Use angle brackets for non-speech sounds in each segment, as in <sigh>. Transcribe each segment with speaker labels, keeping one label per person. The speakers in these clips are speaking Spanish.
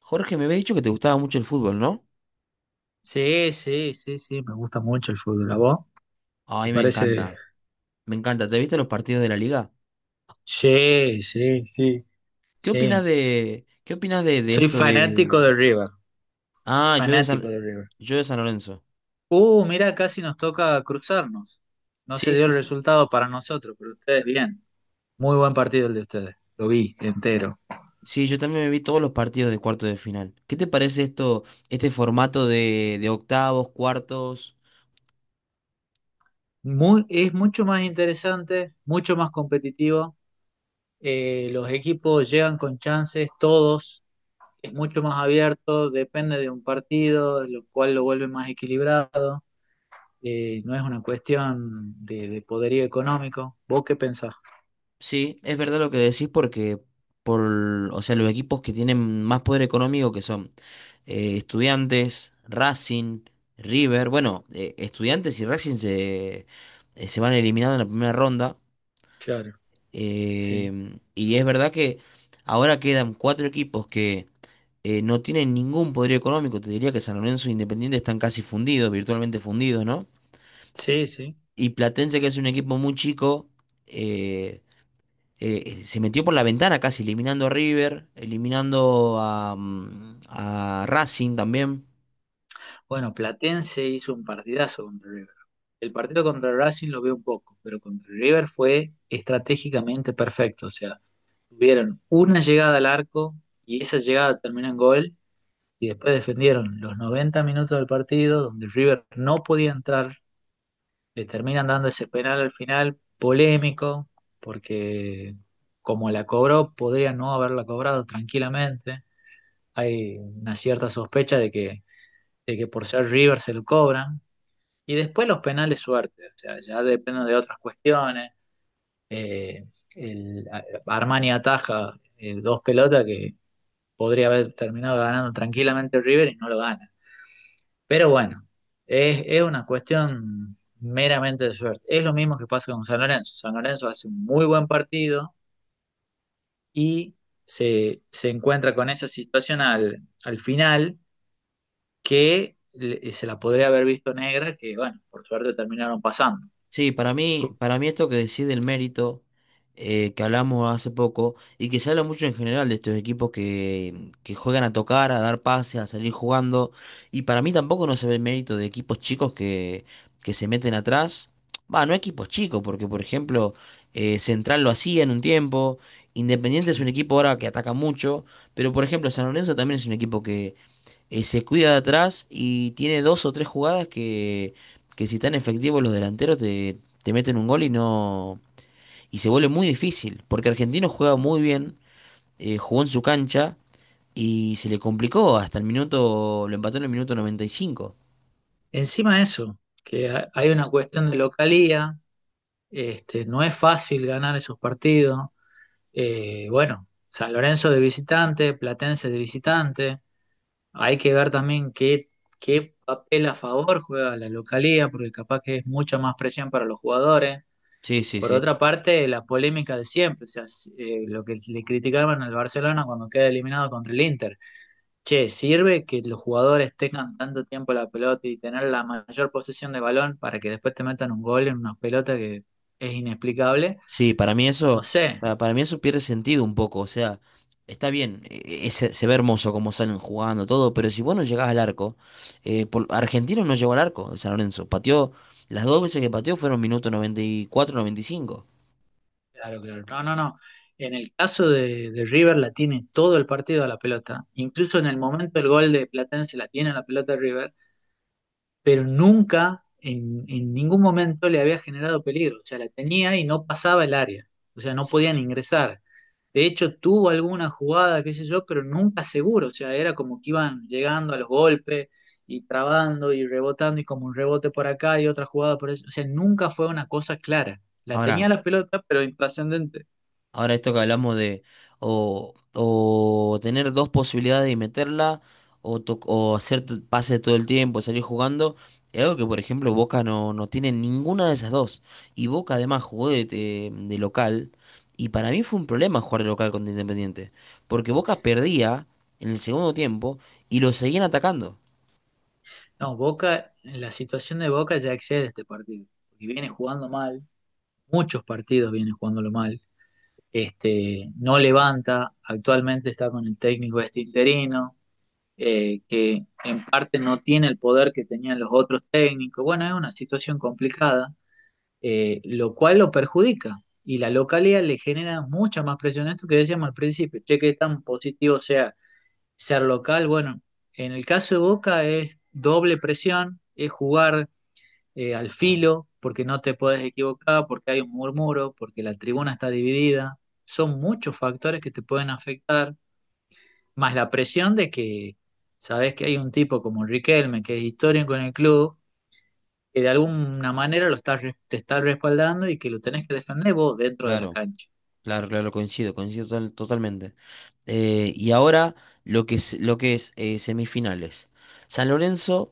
Speaker 1: Jorge, me habías dicho que te gustaba mucho el fútbol, ¿no?
Speaker 2: Sí, sí, sí, sí, me gusta mucho el fútbol. ¿A vos? ¿Te
Speaker 1: Ay, me
Speaker 2: parece?
Speaker 1: encanta, me encanta. ¿Te viste los partidos de la liga?
Speaker 2: Sí, sí, sí, sí.
Speaker 1: Qué opinas de
Speaker 2: Soy
Speaker 1: esto?
Speaker 2: fanático de River,
Speaker 1: Ah,
Speaker 2: fanático de River.
Speaker 1: Yo de San Lorenzo.
Speaker 2: Mirá, casi nos toca cruzarnos. No se
Speaker 1: Sí,
Speaker 2: dio el
Speaker 1: sí.
Speaker 2: resultado para nosotros, pero ustedes bien. Muy buen partido el de ustedes, lo vi entero.
Speaker 1: Sí, yo también me vi todos los partidos de cuartos de final. ¿Qué te parece esto, este formato de octavos, cuartos?
Speaker 2: Muy, es mucho más interesante, mucho más competitivo. Los equipos llegan con chances, todos. Es mucho más abierto, depende de un partido, lo cual lo vuelve más equilibrado. No es una cuestión de poderío económico. ¿Vos qué pensás?
Speaker 1: Sí, es verdad lo que decís porque por, o sea, los equipos que tienen más poder económico que son Estudiantes, Racing, River. Bueno, Estudiantes y Racing se van eliminados en la primera ronda.
Speaker 2: Claro, sí.
Speaker 1: Y es verdad que ahora quedan cuatro equipos que no tienen ningún poder económico. Te diría que San Lorenzo e Independiente están casi fundidos, virtualmente fundidos, ¿no?
Speaker 2: Sí, sí.
Speaker 1: Y Platense, que es un equipo muy chico, eh, se metió por la ventana casi, eliminando a River, eliminando a Racing también.
Speaker 2: Bueno, Platense hizo un partidazo contra River. El partido contra Racing lo veo un poco, pero contra River fue estratégicamente perfecto. O sea, tuvieron una llegada al arco y esa llegada terminó en gol y después defendieron los 90 minutos del partido donde River no podía entrar, le terminan dando ese penal al final, polémico, porque como la cobró, podría no haberla cobrado tranquilamente. Hay una cierta sospecha de que por ser River se lo cobran. Y después los penales suerte, o sea, ya depende de otras cuestiones. Eh, Armani ataja dos pelotas que podría haber terminado ganando tranquilamente River y no lo gana. Pero bueno, es una cuestión meramente de suerte. Es lo mismo que pasa con San Lorenzo. San Lorenzo hace un muy buen partido y se encuentra con esa situación al final que se la podría haber visto negra, que bueno, por suerte terminaron pasando.
Speaker 1: Sí, para mí,
Speaker 2: Ok.
Speaker 1: para mí esto que decide el mérito, que hablamos hace poco, y que se habla mucho en general de estos equipos que juegan a tocar, a dar pases, a salir jugando. Y para mí tampoco no se ve el mérito de equipos chicos que se meten atrás. Va, no equipos chicos, porque por ejemplo, Central lo hacía en un tiempo. Independiente es un equipo ahora que ataca mucho, pero por ejemplo, San Lorenzo también es un equipo que, se cuida de atrás y tiene dos o tres jugadas que si están efectivos los delanteros te meten un gol, y no, y se vuelve muy difícil, porque Argentino juega muy bien, jugó en su cancha y se le complicó hasta el minuto, lo empató en el minuto 95.
Speaker 2: Encima de eso, que hay una cuestión de localía, este, no es fácil ganar esos partidos. Bueno, San Lorenzo de visitante, Platense de visitante. Hay que ver también qué papel a favor juega la localía, porque capaz que es mucha más presión para los jugadores.
Speaker 1: Sí, sí,
Speaker 2: Por
Speaker 1: sí.
Speaker 2: otra parte, la polémica de siempre, o sea, lo que le criticaban al Barcelona cuando queda eliminado contra el Inter. Che, ¿sirve que los jugadores tengan tanto tiempo la pelota y tener la mayor posesión de balón para que después te metan un gol en una pelota que es inexplicable?
Speaker 1: Sí,
Speaker 2: No sé.
Speaker 1: para mí eso pierde sentido un poco. O sea, está bien, se ve hermoso como salen jugando todo, pero si vos no llegás al arco, Argentino no llegó al arco, San Lorenzo. Pateó, las dos veces que pateó fueron minuto 94, 95.
Speaker 2: Claro, claro. No, no, no. En el caso de River la tiene todo el partido a la pelota. Incluso en el momento del gol de Platense la tiene a la pelota River, pero nunca, en ningún momento le había generado peligro. O sea, la tenía y no pasaba el área. O sea, no podían ingresar. De hecho, tuvo alguna jugada, qué sé yo, pero nunca seguro. O sea, era como que iban llegando a los golpes y trabando y rebotando y como un rebote por acá y otra jugada por eso. O sea, nunca fue una cosa clara. La
Speaker 1: Ahora,
Speaker 2: tenía la pelota, pero intrascendente.
Speaker 1: Ahora esto que hablamos de o tener dos posibilidades y meterla o, o hacer pases todo el tiempo, salir jugando, es algo que por ejemplo Boca no tiene ninguna de esas dos. Y Boca además jugó de local, y para mí fue un problema jugar de local contra Independiente, porque Boca perdía en el segundo tiempo y lo seguían atacando.
Speaker 2: No, Boca, la situación de Boca ya excede este partido, porque viene jugando mal, muchos partidos viene jugándolo mal, este, no levanta, actualmente está con el técnico este interino, que en parte no tiene el poder que tenían los otros técnicos, bueno, es una situación complicada, lo cual lo perjudica, y la localidad le genera mucha más presión, esto que decíamos al principio, che, que tan positivo sea ser local, bueno, en el caso de Boca es doble presión, es jugar al filo, porque no te puedes equivocar, porque hay un murmuro, porque la tribuna está dividida. Son muchos factores que te pueden afectar, más la presión de que sabes que hay un tipo como Riquelme, que es histórico en el club, que de alguna manera lo te está respaldando y que lo tenés que defender vos dentro de la
Speaker 1: Claro,
Speaker 2: cancha.
Speaker 1: claro, claro, coincido, coincido totalmente. Y ahora lo que es semifinales. San Lorenzo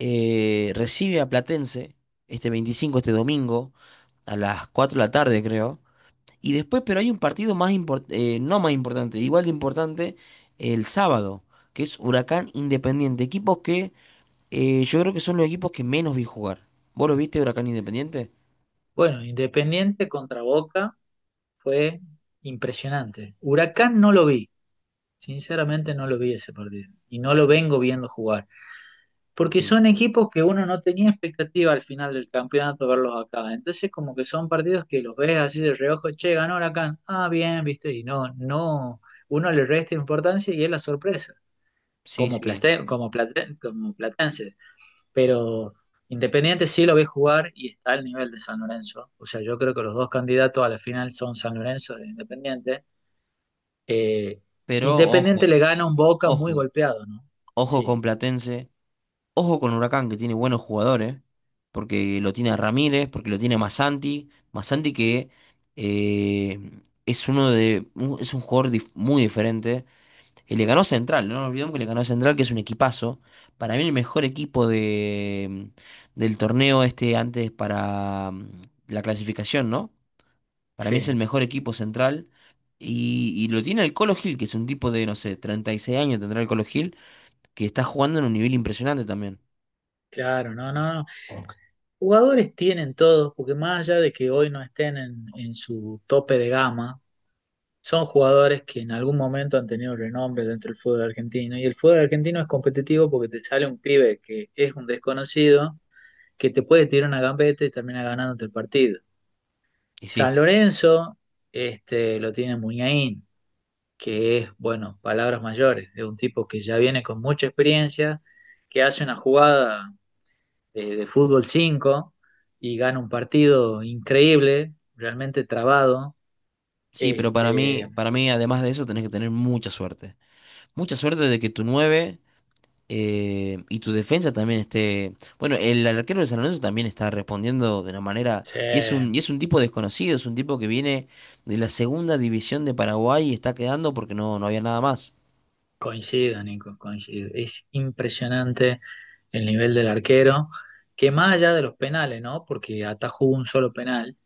Speaker 1: recibe a Platense este 25, este domingo, a las 4 de la tarde, creo. Y después, pero hay un partido más importante, no más importante, igual de importante, el sábado, que es Huracán Independiente. Equipos que yo creo que son los equipos que menos vi jugar. ¿Vos lo viste, Huracán Independiente?
Speaker 2: Bueno, Independiente contra Boca fue impresionante. Huracán no lo vi, sinceramente no lo vi ese partido y no lo
Speaker 1: Sí.
Speaker 2: vengo viendo jugar. Porque
Speaker 1: Sí,
Speaker 2: son equipos que uno no tenía expectativa al final del campeonato verlos acá. Entonces como que son partidos que los ves así de reojo, che, ganó Huracán, ah, bien, viste, y no, uno le resta importancia y es la sorpresa,
Speaker 1: sí, sí.
Speaker 2: como platense. Pero Independiente sí lo ve jugar y está al nivel de San Lorenzo. O sea, yo creo que los dos candidatos a la final son San Lorenzo e Independiente. Eh,
Speaker 1: Pero
Speaker 2: Independiente
Speaker 1: ojo,
Speaker 2: le gana un Boca muy
Speaker 1: ojo,
Speaker 2: golpeado, ¿no?
Speaker 1: ojo
Speaker 2: Sí,
Speaker 1: con Platense. Ojo con Huracán, que tiene buenos jugadores, porque lo tiene a Ramírez, porque lo tiene a Masanti. Masanti, que eh, es es un jugador muy diferente. Y le ganó a Central, no nos olvidemos que le ganó a Central, que es un equipazo. Para mí el mejor equipo del torneo este antes para la clasificación, ¿no? Para mí es el
Speaker 2: sí,
Speaker 1: mejor equipo Central. Y lo tiene el Colo Gil, que es un tipo de, no sé, 36 años tendrá el Colo Gil, que está jugando en un nivel impresionante también.
Speaker 2: claro, no, no, no. Jugadores tienen todos, porque más allá de que hoy no estén en su tope de gama, son jugadores que en algún momento han tenido renombre dentro del fútbol argentino. Y el fútbol argentino es competitivo porque te sale un pibe que es un desconocido, que te puede tirar una gambeta y termina ganándote el partido.
Speaker 1: Y sí.
Speaker 2: San Lorenzo este, lo tiene Muñain, que es, bueno, palabras mayores, es un tipo que ya viene con mucha experiencia, que hace una jugada de fútbol 5 y gana un partido increíble, realmente trabado.
Speaker 1: Sí, pero para
Speaker 2: Este,
Speaker 1: mí, para mí, además de eso, tenés que tener mucha suerte. Mucha suerte de que tu 9 y tu defensa también esté. Bueno, el arquero de San Lorenzo también está respondiendo de una manera.
Speaker 2: sí,
Speaker 1: Y es un tipo desconocido, es un tipo que viene de la segunda división de Paraguay y está quedando porque no había nada más.
Speaker 2: coincido, Nico, coincido. Es impresionante el nivel del arquero, que más allá de los penales, ¿no? Porque atajó un solo penal.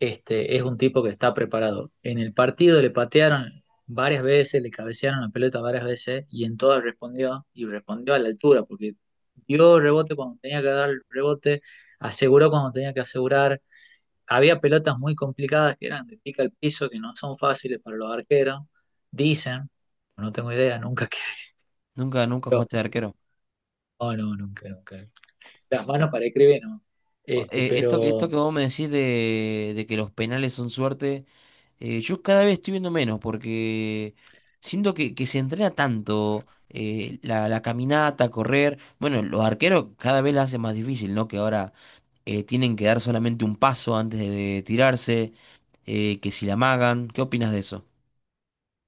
Speaker 2: Este, es un tipo que está preparado. En el partido le patearon varias veces, le cabecearon la pelota varias veces y en todas respondió y respondió a la altura porque dio rebote cuando tenía que dar el rebote, aseguró cuando tenía que asegurar. Había pelotas muy complicadas que eran de pica al piso, que no son fáciles para los arqueros. Dicen, no tengo idea, nunca <laughs> que...
Speaker 1: Nunca, nunca
Speaker 2: pero-
Speaker 1: jugaste de arquero.
Speaker 2: no, no, nunca, nunca. Las manos para escribir, no. Este,
Speaker 1: Esto, esto
Speaker 2: pero
Speaker 1: que vos me decís de que los penales son suerte, yo cada vez estoy viendo menos porque siento que se entrena tanto, la caminata, correr. Bueno, los arqueros cada vez la hacen más difícil, ¿no? Que ahora tienen que dar solamente un paso antes de tirarse, que si la amagan. ¿Qué opinas de eso?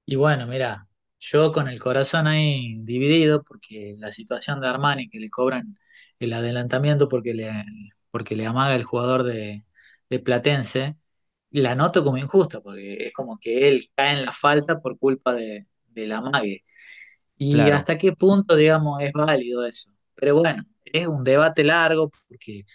Speaker 2: y bueno, mira, yo con el corazón ahí dividido, porque la situación de Armani, que le cobran el adelantamiento porque le amaga el jugador de Platense, la noto como injusta, porque es como que él cae en la falta por culpa del amague. Y
Speaker 1: Claro,
Speaker 2: hasta qué punto, digamos, es válido eso. Pero bueno, es un debate largo, porque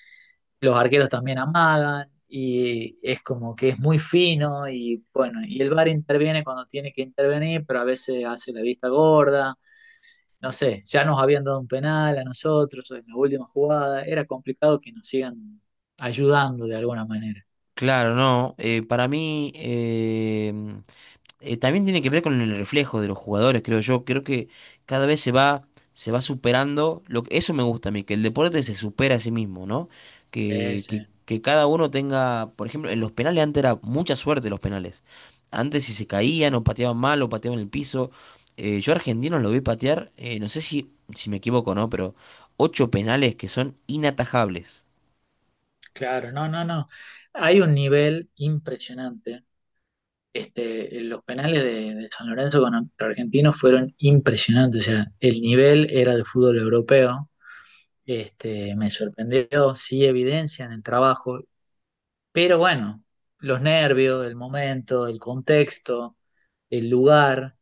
Speaker 2: los arqueros también amagan y es como que es muy fino y bueno, y el VAR interviene cuando tiene que intervenir, pero a veces hace la vista gorda, no sé, ya nos habían dado un penal a nosotros en la última jugada, era complicado que nos sigan ayudando de alguna manera.
Speaker 1: claro, no. Para mí. También tiene que ver con el reflejo de los jugadores, creo yo. Creo que cada vez se va superando. Eso me gusta a mí, que el deporte se supera a sí mismo, ¿no? Que, que,
Speaker 2: Ese,
Speaker 1: que cada uno tenga, por ejemplo, en los penales antes era mucha suerte los penales. Antes si se caían o pateaban mal o pateaban en el piso. Yo argentinos lo vi patear, no sé si me equivoco, ¿no? Pero ocho penales que son inatajables.
Speaker 2: claro, no, no, no. Hay un nivel impresionante. Este, los penales de San Lorenzo con Argentinos fueron impresionantes. O sea, el nivel era de fútbol europeo. Este, me sorprendió, sí evidencia en el trabajo, pero bueno, los nervios, el momento, el contexto, el lugar,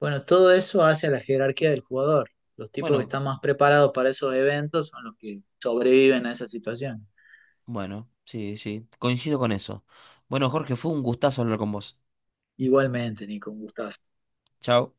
Speaker 2: bueno, todo eso hace a la jerarquía del jugador. Los tipos que
Speaker 1: Bueno,
Speaker 2: están más preparados para esos eventos son los que sobreviven a esa situación.
Speaker 1: bueno, sí, sí, coincido con eso. Bueno, Jorge, fue un gustazo hablar con vos.
Speaker 2: Igualmente, Nico, un gustazo.
Speaker 1: Chao.